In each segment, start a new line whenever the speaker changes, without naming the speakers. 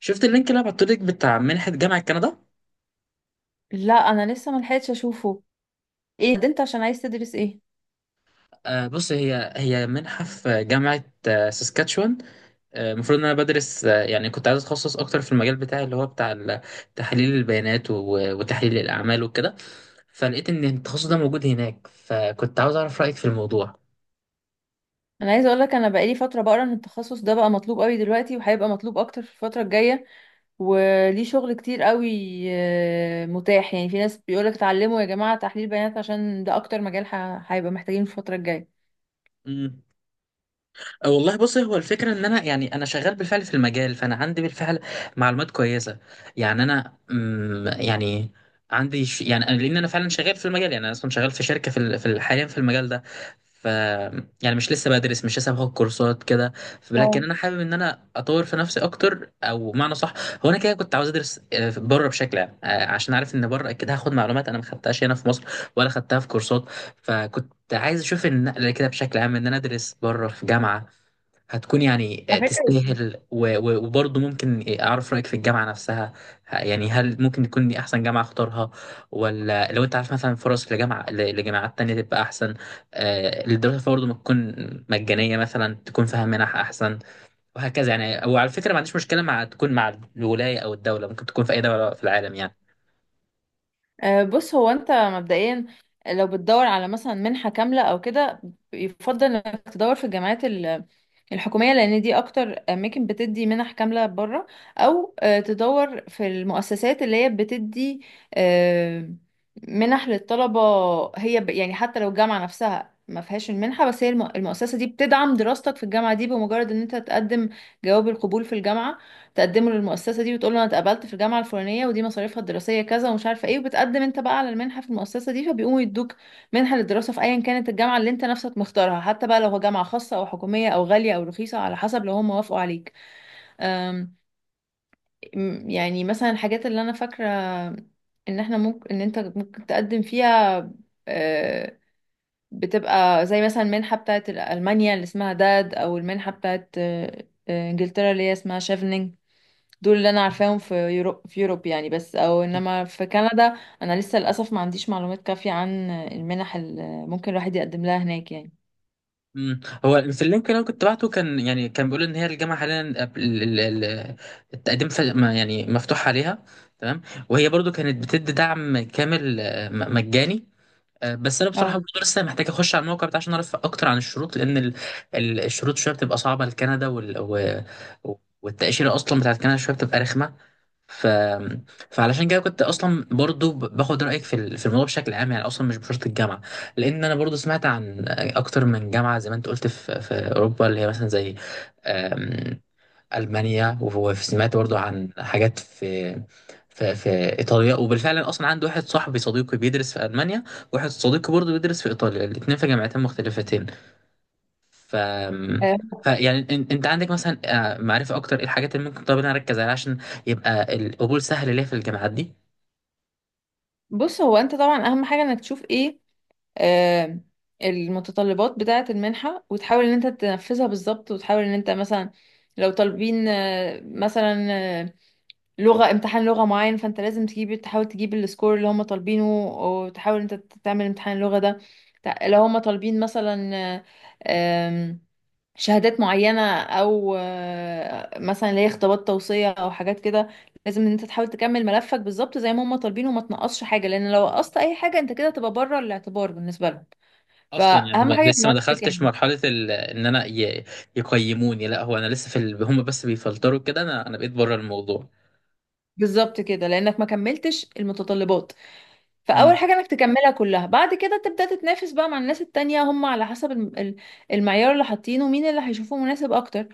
شفت اللينك اللي بعته لك بتاع منحة جامعة كندا؟
لا، انا لسه ما لحقتش اشوفه. ايه ده، انت عشان عايز تدرس ايه؟
بص، هي هي منحة في جامعة ساسكاتشوان. المفروض ان انا بدرس، يعني كنت عايز اتخصص اكتر في المجال بتاعي اللي هو تحليل البيانات وتحليل الاعمال وكده. فلقيت ان التخصص ده موجود هناك، فكنت عاوز اعرف رأيك في الموضوع.
انا عايزه اقول لك انا بقالي فتره بقرا ان التخصص ده بقى مطلوب قوي دلوقتي وهيبقى مطلوب اكتر في الفتره الجايه، وليه شغل كتير قوي. متاح، يعني في ناس بيقولك اتعلموا يا جماعه تحليل بيانات عشان ده اكتر مجال هيبقى محتاجينه في الفتره الجايه.
مم. أه والله، بص، هو الفكرة ان انا، يعني انا شغال بالفعل في المجال، فانا عندي بالفعل معلومات كويسة. يعني انا يعني يعني لان انا فعلا شغال في المجال، يعني انا اصلا شغال في شركة حاليا في المجال ده. ف يعني مش لسه بدرس، مش لسه باخد كورسات كده.
اه،
لكن انا حابب ان انا اطور في نفسي اكتر، او معنى صح. هو انا كده كنت عاوز ادرس بره بشكل عام، عشان عارف ان بره اكيد هاخد معلومات انا ما خدتهاش هنا في مصر ولا خدتها في كورسات. فكنت عايز اشوف النقله كده بشكل عام، ان انا ادرس بره في جامعه هتكون يعني
على فكرة.
تستاهل، وبرضه ممكن اعرف رايك في الجامعه نفسها. يعني هل ممكن تكون دي احسن جامعه اختارها؟ ولا لو انت عارف مثلا فرص لجامعه، لجامعات تانية تبقى احسن، الدراسه فيها برضه ما تكون مجانيه، مثلا تكون فيها منح احسن وهكذا يعني. وعلى فكره ما عنديش مشكله مع تكون مع الولايه او الدوله، ممكن تكون في اي دوله في العالم يعني.
بص، هو انت مبدئيا لو بتدور على مثلا منحة كاملة او كده، يفضل انك تدور في الجامعات الحكومية، لان دي اكتر اماكن بتدي منح كاملة بره. او تدور في المؤسسات اللي هي بتدي آه، منح للطلبة. هي يعني حتى لو الجامعة نفسها ما فيهاش المنحة، بس هي المؤسسة دي بتدعم دراستك في الجامعة دي. بمجرد ان انت تقدم جواب القبول في الجامعة، تقدمه للمؤسسة دي وتقول له أنا اتقبلت في الجامعة الفلانية، ودي مصاريفها الدراسية كذا ومش عارفة إيه، وبتقدم أنت بقى على المنحة في المؤسسة دي، فبيقوموا يدوك منحة للدراسة في أيا كانت الجامعة اللي أنت نفسك مختارها. حتى بقى لو هو جامعة خاصة أو حكومية أو غالية أو رخيصة، على حسب لو هم وافقوا عليك. أم، يعني مثلا الحاجات اللي أنا فاكرة إن إحنا ممكن إن أنت ممكن تقدم فيها، أه، بتبقى زي مثلا المنحة بتاعت ألمانيا اللي اسمها داد، أو المنحة بتاعت أه، أه، إنجلترا اللي هي اسمها شيفنينج. دول اللي انا عارفاهم في يورو في يوروب يعني، بس او انما في كندا انا لسه للاسف ما عنديش معلومات كافية عن المنح اللي ممكن الواحد يقدم لها هناك يعني.
مم. هو في اللينك اللي انا كنت بعته كان يعني كان بيقول ان هي الجامعه حاليا ال- ال- التقديم يعني مفتوح عليها. تمام. وهي برضو كانت بتدي دعم كامل، مجاني. بس انا بصراحه
اه.
برضه لسه محتاج اخش على الموقع بتاع عشان اعرف اكتر عن الشروط، لان الشروط شويه بتبقى صعبه لكندا، و... والتاشيره اصلا بتاعت كندا شويه بتبقى رخمه. ف... فعلشان كده كنت اصلا برضو باخد رايك في الموضوع بشكل عام، يعني اصلا مش بشرط الجامعه، لان انا برضو سمعت عن اكتر من جامعه زي ما انت قلت في اوروبا، اللي هي مثلا زي ألمانيا، وسمعت برضو عن حاجات في إيطاليا. وبالفعل أنا أصلا عندي واحد صاحبي صديقي بيدرس في ألمانيا، وواحد صديقي برضو بيدرس في إيطاليا، الاتنين في جامعتين مختلفتين. ف
آه،
فيعني انت عندك مثلا معرفة اكتر ايه الحاجات اللي ممكن، طب انا اركز عليها عشان يبقى القبول سهل ليا في الجامعات دي؟
بص، هو انت طبعا اهم حاجة انك تشوف ايه آه، المتطلبات بتاعة المنحة، وتحاول ان انت تنفذها بالظبط. وتحاول ان انت مثلا لو طالبين مثلا لغة، امتحان لغة معين، فانت لازم تجيب، تحاول تجيب السكور اللي هم طالبينه، وتحاول انت تعمل امتحان اللغة ده. لو هم طالبين مثلا آه، آم، شهادات معينة او مثلا اللي هي خطابات توصية او حاجات كده، لازم ان انت تحاول تكمل ملفك بالظبط زي ما هم طالبينه، وما تنقصش حاجة. لان لو نقصت اي حاجة انت كده تبقى بره الاعتبار بالنسبة لهم،
اصلا يعني
فاهم
ما
حاجة؟ يبقى
لسه ما
ملفك كامل.
دخلتش مرحلة ال... ان انا ي... يقيموني، لا هو انا لسه في ال... هم بس بيفلتروا كده، انا بقيت بره الموضوع.
بالظبط كده، لانك ما كملتش المتطلبات. فاول
امم.
حاجه انك تكملها كلها، بعد كده تبدا تتنافس بقى مع الناس التانية، هم على حسب المعيار اللي حاطينه مين اللي هيشوفه مناسب اكتر.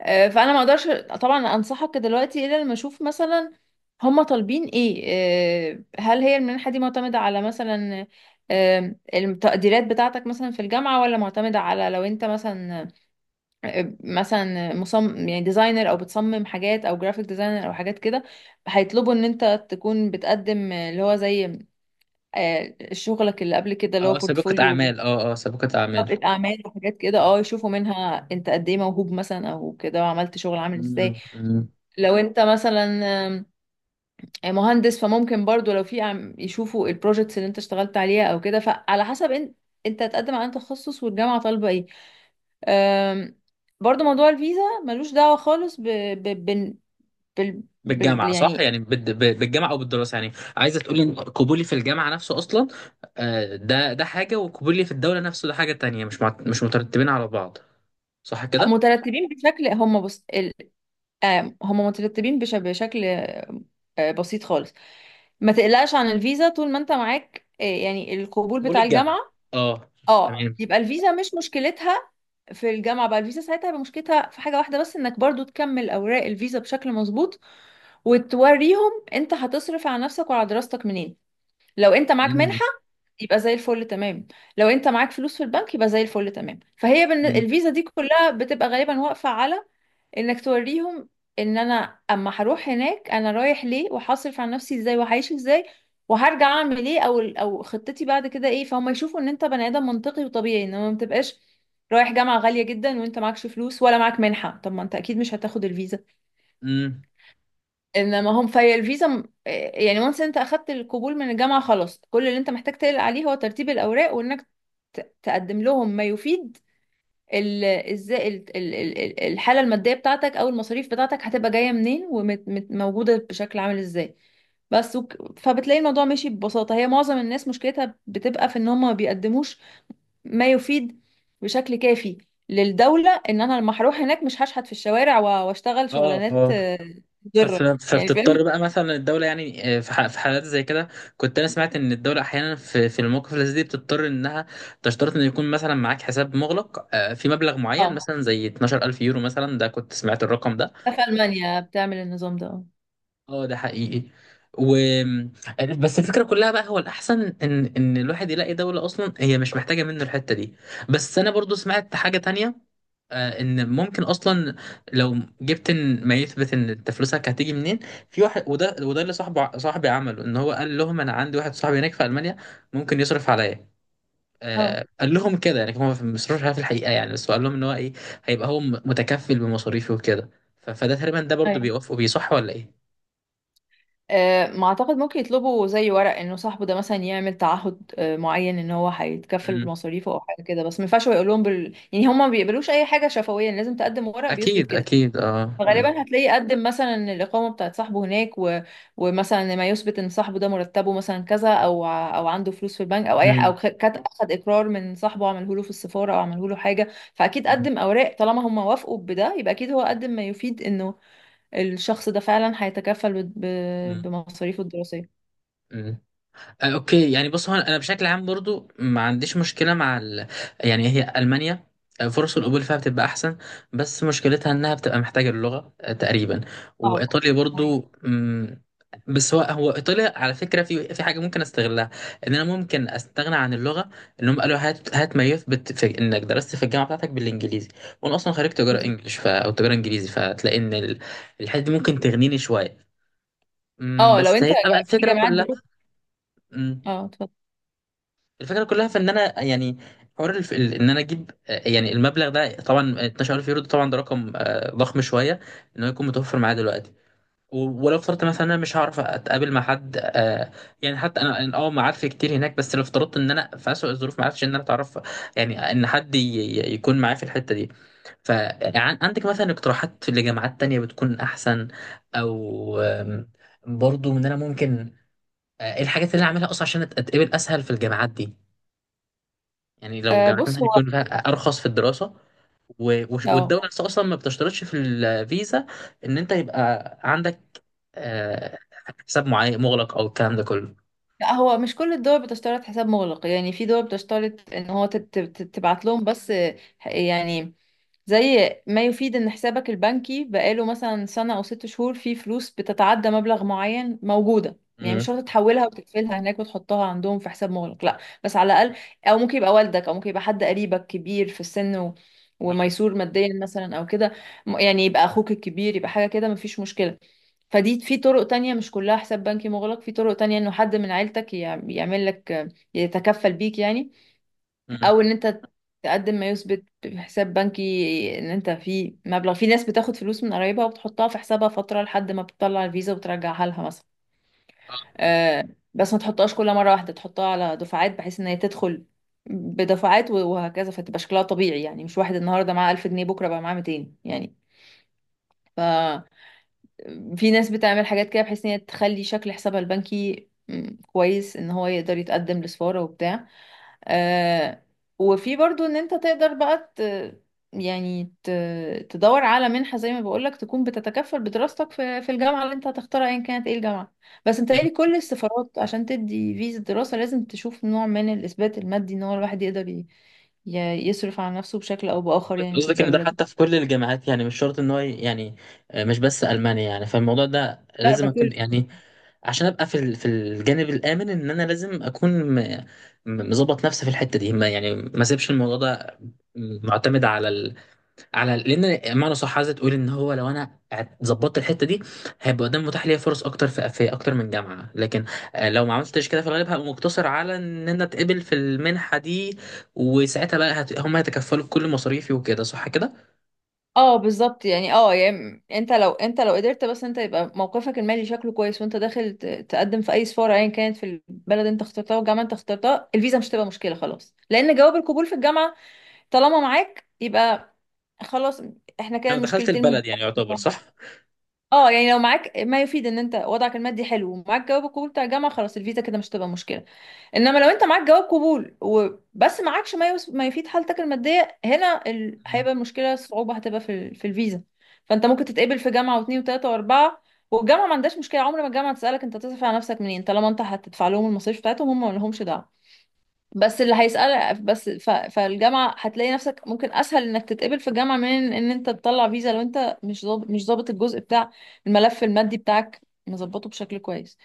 فانا ما اقدرش طبعا انصحك دلوقتي الا لما اشوف مثلا هم طالبين ايه. هل هي المنحه دي معتمده على مثلا التقديرات بتاعتك مثلا في الجامعه، ولا معتمده على لو انت مثلا مثلا مصمم يعني ديزاينر، او بتصمم حاجات او جرافيك ديزاينر او حاجات كده، هيطلبوا ان انت تكون بتقدم اللي هو زي شغلك اللي قبل كده اللي
اه،
هو
سابقة
بورتفوليو.
اعمال، اه اه سابقة اعمال.
طبقة أعمال وحاجات كده، اه، يشوفوا منها أنت قد إيه موهوب مثلا أو كده، وعملت شغل عامل إزاي.
مم. مم.
لو أنت مثلا آم، آه، مهندس، فممكن برضو لو في يشوفوا البروجيكتس اللي أنت اشتغلت عليها أو كده. فعلى حسب أنت، هتقدم على أنهي تخصص، والجامعة طالبة إيه. آم، برضو موضوع الفيزا ملوش دعوة خالص ب... ب... بال... بال... بال...
بالجامعة صح؟
يعني،
يعني بالجامعة أو بالدراسة. يعني عايزة تقولي إن قبولي في الجامعة نفسه أصلا ده ده حاجة، وقبولي في الدولة نفسه ده حاجة تانية، مش مش مترتبين على بعض، صح كده؟
مترتبين بشكل، هم، بص ال... آم، هم مترتبين بشكل بسيط خالص. ما تقلقش عن الفيزا طول ما انت معاك يعني القبول
قبول
بتاع
الجامعة،
الجامعة.
أه.
اه،
تمام.
يبقى الفيزا مش مشكلتها في الجامعة. بقى الفيزا ساعتها هيبقى مشكلتها في حاجة واحدة بس، انك برضو تكمل اوراق الفيزا بشكل مظبوط، وتوريهم انت هتصرف على نفسك وعلى دراستك منين. لو انت معاك
مم.
منحة يبقى زي الفل تمام، لو انت معاك فلوس في البنك يبقى زي الفل تمام. فهي
مم.
الفيزا دي كلها بتبقى غالبا واقفة على انك توريهم ان انا اما هروح هناك انا رايح ليه، وهصرف على نفسي ازاي، وهعيش ازاي، وهرجع اعمل ايه، او او خطتي بعد كده ايه. فهم يشوفوا ان انت بني ادم منطقي وطبيعي، انما ما تبقاش رايح جامعة غالية جدا وانت معكش فلوس ولا معاك منحة. طب ما انت اكيد مش هتاخد الفيزا.
مم.
انما هم في الفيزا يعني وانس انت اخدت القبول من الجامعة خلاص، كل اللي انت محتاج تقلق عليه هو ترتيب الاوراق، وانك تقدم لهم ما يفيد ازاي الحاله الماديه بتاعتك او المصاريف بتاعتك هتبقى جايه منين، وموجوده بشكل عامل ازاي. بس. فبتلاقي الموضوع ماشي ببساطه. هي معظم الناس مشكلتها بتبقى في ان هم ما بيقدموش ما يفيد بشكل كافي للدوله ان انا لما هروح هناك مش هشحت في الشوارع واشتغل
أه.
شغلانات مضره، يعني،
فبتضطر
فاهم؟
بقى مثلا الدولة يعني، في حالات زي كده، كنت أنا سمعت إن الدولة أحيانا في المواقف اللي زي دي بتضطر إنها تشترط إن يكون مثلا معاك حساب مغلق في مبلغ معين،
اه،
مثلا زي 12000 يورو مثلا، ده كنت سمعت الرقم ده.
في المانيا بتعمل النظام ده.
اه، ده حقيقي. و بس الفكرة كلها بقى، هو الأحسن إن الواحد يلاقي دولة أصلا هي مش محتاجة منه الحتة دي. بس أنا برضو سمعت حاجة تانية، ان ممكن اصلا لو جبت إن ما يثبت ان انت فلوسك هتيجي منين. في واحد، وده وده اللي صاحبي عمله، ان هو قال لهم انا عندي واحد صاحبي هناك في المانيا ممكن يصرف عليا.
اه.
آه، قال لهم كده يعني، هو ما بيصرفش عليا في الحقيقه يعني، بس هو قال لهم ان هو ايه، هيبقى هو متكفل بمصاريفي وكده. فده تقريبا، ده برضو
اه
بيوافقوا بيه، صح ولا ايه؟
ما اعتقد ممكن يطلبوا زي ورق انه صاحبه ده مثلا يعمل تعهد معين، ان هو هيتكفل
مم.
مصاريفه او حاجه كده. بس ما ينفعش هو يقول لهم يعني هم ما بيقبلوش اي حاجه شفويه، لازم تقدم ورق بيثبت
اكيد
كده.
اكيد اه. مم.
فغالبا هتلاقيه قدم مثلا إن الاقامه بتاعت صاحبه هناك، و... ومثلا ما يثبت ان صاحبه ده مرتبه مثلا كذا، او او عنده فلوس في البنك، او اي
مم.
او اخد اقرار من صاحبه عمله له في السفاره، او عمله له حاجه. فاكيد قدم اوراق طالما هم وافقوا بده. يبقى اكيد هو قدم ما يفيد انه الشخص ده فعلا هيتكفل
مم.
بمصاريفه الدراسية.
مم. اوكي. يعني بص، هو انا بشكل عام برضو ما عنديش مشكله مع ال... يعني هي المانيا فرص القبول فيها بتبقى احسن، بس مشكلتها انها بتبقى محتاجه اللغه تقريبا.
صعب.
وايطاليا
أيوة.
برضو مم، بس هو هو ايطاليا على فكره في في حاجه ممكن استغلها، ان انا ممكن استغنى عن اللغه، ان هم قالوا هات هات ما يثبت في انك درست في الجامعه بتاعتك بالانجليزي. وانا اصلا خريج تجاره
بالظبط.
انجلش او تجاره انجليزي، فتلاقي ان الحته دي ممكن تغنيني شويه. مم،
اه، لو
بس
انت
هيبقى بقى
في
الفكره
جامعات
كلها.
دلوقتي.
مم.
اه، اتفضل.
الفكره كلها في ان انا يعني حوار ان انا اجيب يعني المبلغ ده طبعا 12000 يورو، ده طبعا ده رقم ضخم شويه، ان هو يكون متوفر معايا دلوقتي. ولو افترضت مثلا انا مش هعرف اتقابل مع حد يعني حتى انا أنا معارفي كتير هناك، بس لو افترضت ان انا في اسوء الظروف ما عرفتش ان انا اتعرف، يعني ان حد يكون معايا في الحته دي. فعندك مثلا اقتراحات لجامعات تانية بتكون احسن؟ او برضو ان انا ممكن الحاجات اللي انا اعملها اصلا عشان اتقبل اسهل في الجامعات دي، يعني لو
آه،
جامعات
بص،
مثلا
هو.
يكون فيها ارخص في الدراسه، والدوله
اه،
نفسها اصلا ما بتشترطش في الفيزا ان انت يبقى عندك آه، حساب معين مغلق او الكلام ده كله.
لا، هو مش كل الدول بتشترط حساب مغلق. يعني في دول بتشترط ان هو تبعت لهم بس يعني زي ما يفيد ان حسابك البنكي بقاله مثلا سنة او ست شهور، فيه فلوس بتتعدى مبلغ معين موجودة. يعني مش
مم.
شرط تحولها وتقفلها هناك وتحطها عندهم في حساب مغلق، لا، بس على الاقل. او ممكن يبقى والدك، او ممكن يبقى حد قريبك كبير في السن، و...
آه.
وميسور ماديا مثلا او كده. يعني يبقى اخوك الكبير، يبقى حاجة كده، مفيش مشكلة. فدي في طرق تانية، مش كلها حساب بنكي مغلق. في طرق تانية انه حد من عيلتك يعمل لك، يتكفل بيك يعني.
مم.
او ان انت تقدم ما يثبت في حساب بنكي ان انت في مبلغ. في ناس بتاخد فلوس من قرايبها وبتحطها في حسابها فترة لحد ما بتطلع الفيزا وترجعها لها مثلا.
آه.
آه، بس ما تحطهاش كل مرة واحدة، تحطها على دفعات بحيث ان هي تدخل بدفعات، وهكذا، فتبقى شكلها طبيعي يعني. مش واحد النهارده معاه 1000 جنيه بكرة بقى معاه 200 يعني. ف في ناس بتعمل حاجات كده بحيث ان هي تخلي شكل حسابها البنكي كويس، ان هو يقدر يتقدم لسفارة وبتاع. آه. وفي برضو ان انت تقدر بقى يعني تدور على منحة زي ما بقولك، تكون بتتكفل بدراستك في، في الجامعة اللي انت هتختارها ايا كانت ايه الجامعة. بس انت
يعني
لي كل السفارات عشان تدي فيزا دراسة لازم تشوف نوع من الإثبات المادي ان هو الواحد يقدر يصرف على نفسه بشكل او بآخر
قصدك
يعني في
قصدك ان ده
الدولة دي.
حتى في كل الجامعات يعني، مش شرط ان هو يعني مش بس المانيا. يعني فالموضوع ده
لا،
لازم
ده
اكون
كله.
يعني، عشان ابقى في الجانب الامن، ان انا لازم اكون م- مظبط نفسي في الحته دي، ما يعني ما اسيبش الموضوع ده معتمد على على، لان معنى صح عايزه تقول ان هو لو انا ظبطت الحته دي هيبقى قدام متاح ليا فرص اكتر في, في اكتر من جامعه. لكن لو ما عملتش كده في الغالب هبقى مقتصر على ان انا اتقبل في المنحه دي، وساعتها بقى هم هيتكفلوا بكل مصاريفي وكده، صح كده؟
اه، بالظبط يعني. اه يعني، انت لو لو قدرت، بس انت يبقى موقفك المالي شكله كويس، وانت داخل تقدم في اي سفاره ايا كانت في البلد انت اخترتها والجامعه انت اخترتها، الفيزا مش هتبقى مشكله خلاص. لان جواب القبول في الجامعه طالما معاك يبقى خلاص، احنا كده
انا دخلت
المشكلتين.
البلد يعني يعتبر، صح؟
اه يعني، لو معاك ما يفيد ان انت وضعك المادي حلو، ومعاك جواب القبول بتاع الجامعه، خلاص الفيزا كده مش هتبقى مشكله. انما لو انت معاك جواب قبول وبس، معاكش ما ما يفيد حالتك الماديه هنا
مم.
هيبقى المشكله، الصعوبه هتبقى في في الفيزا. فانت ممكن تتقبل في جامعه واثنين وثلاثه واربعه، والجامعه ما عندهاش مشكله. عمر ما الجامعه تسالك انت تصرف على نفسك منين، طالما انت هتدفع لهم المصاريف بتاعتهم هم ما لهمش دعوه. بس اللي هيسأل بس فالجامعة هتلاقي نفسك ممكن أسهل إنك تتقبل في الجامعة من إن أنت تطلع فيزا، لو أنت مش ضابط، الجزء بتاع الملف المادي بتاعك، مظبطه بشكل كويس.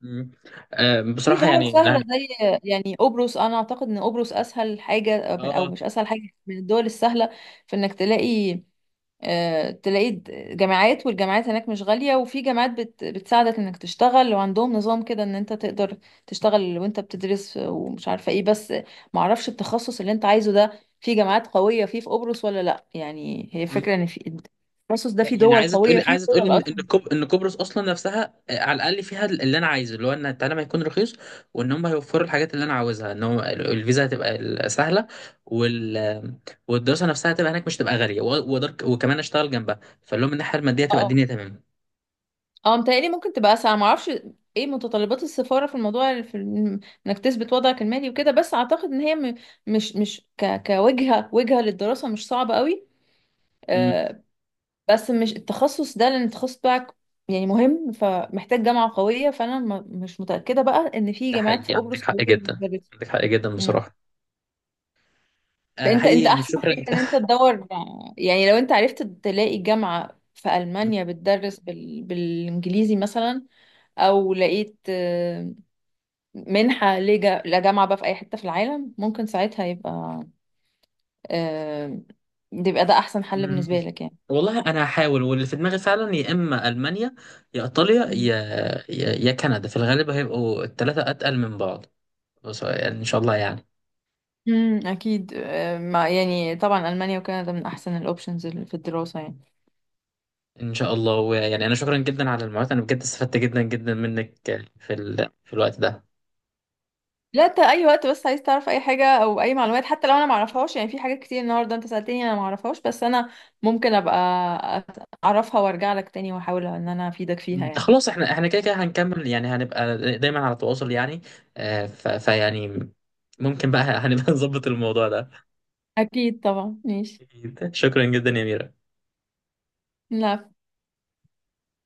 مم.
في
بصراحه
دول
يعني
سهلة
انا،
زي يعني قبرص. أنا أعتقد إن قبرص أسهل حاجة، أو
اه،
مش أسهل حاجة، من الدول السهلة في إنك تلاقي تلاقي جامعات. والجامعات هناك مش غالية، وفي جامعات بتساعدك انك تشتغل، وعندهم نظام كده ان انت تقدر تشتغل وانت بتدرس، ومش عارفة ايه. بس معرفش التخصص اللي انت عايزه ده في جامعات قوية فيه في قبرص ولا لا. يعني هي فكرة ان في التخصص ده
لا،
في
يعني
دول
عايزه تقول،
قوية فيه، في
عايزه تقول
دول
ان ان
اصلا.
كوب... ان قبرص اصلا نفسها على الاقل فيها اللي انا عايزه، اللي هو ان التعليم هيكون رخيص، وان هم هيوفروا الحاجات اللي انا عاوزها، ان هم الفيزا هتبقى سهله، وال... والدراسه نفسها هتبقى هناك مش تبقى غاليه، وأقدر وكمان اشتغل جنبها، فاللي هو من الناحيه الماديه تبقى الدنيا
اه.
تمام.
اه، متهيألي ممكن تبقى اسهل، ما اعرفش ايه متطلبات السفاره في الموضوع، في انك تثبت وضعك المالي وكده. بس اعتقد ان هي مش مش ك كوجهه، وجهه للدراسه مش صعبه قوي.
امم.
آه، بس مش التخصص ده، لان التخصص بتاعك يعني مهم، فمحتاج جامعه قويه، فانا مش متاكده بقى ان في
ده
جامعات في
حقيقي، عندك
قبرص
حق
قويه
جدا،
بتدرس.
عندك حق جدا
مم.
بصراحه. آه،
فانت،
حقيقي، يعني
احسن
شكرا
حاجه ان انت تدور. يعني لو انت عرفت تلاقي جامعه في المانيا بتدرس بالانجليزي مثلا، او لقيت منحة لجامعة بقى في أي حتة في العالم، ممكن ساعتها يبقى آه، يبقى ده أحسن حل
مم.
بالنسبة لك يعني.
والله انا هحاول، واللي في دماغي فعلا يا اما المانيا، يا ايطاليا،
مم.
يا كندا، في الغالب هيبقوا الثلاثه اتقل من بعض، بس يعني ان شاء الله يعني.
امم، اكيد. ما يعني طبعا المانيا وكندا من احسن الاوبشنز في الدراسه يعني.
ان شاء الله. ويعني انا شكرا جدا على المعلومات، انا بجد استفدت جدا جدا منك في ال... في الوقت ده.
لا، انت اي وقت بس عايز تعرف اي حاجه او اي معلومات، حتى لو انا ما اعرفهاش. يعني في حاجات كتير النهارده انت سالتني انا ما اعرفهاش، بس انا ممكن ابقى اعرفها وارجع لك تاني، واحاول ان انا افيدك فيها
مم.
يعني.
خلاص، احنا كده كده هنكمل، يعني هنبقى دايما على تواصل يعني. فيعني ممكن بقى هنبقى نظبط الموضوع ده.
اكيد طبعا، ماشي.
أكيد. شكرا جدا يا ميرا.
لا.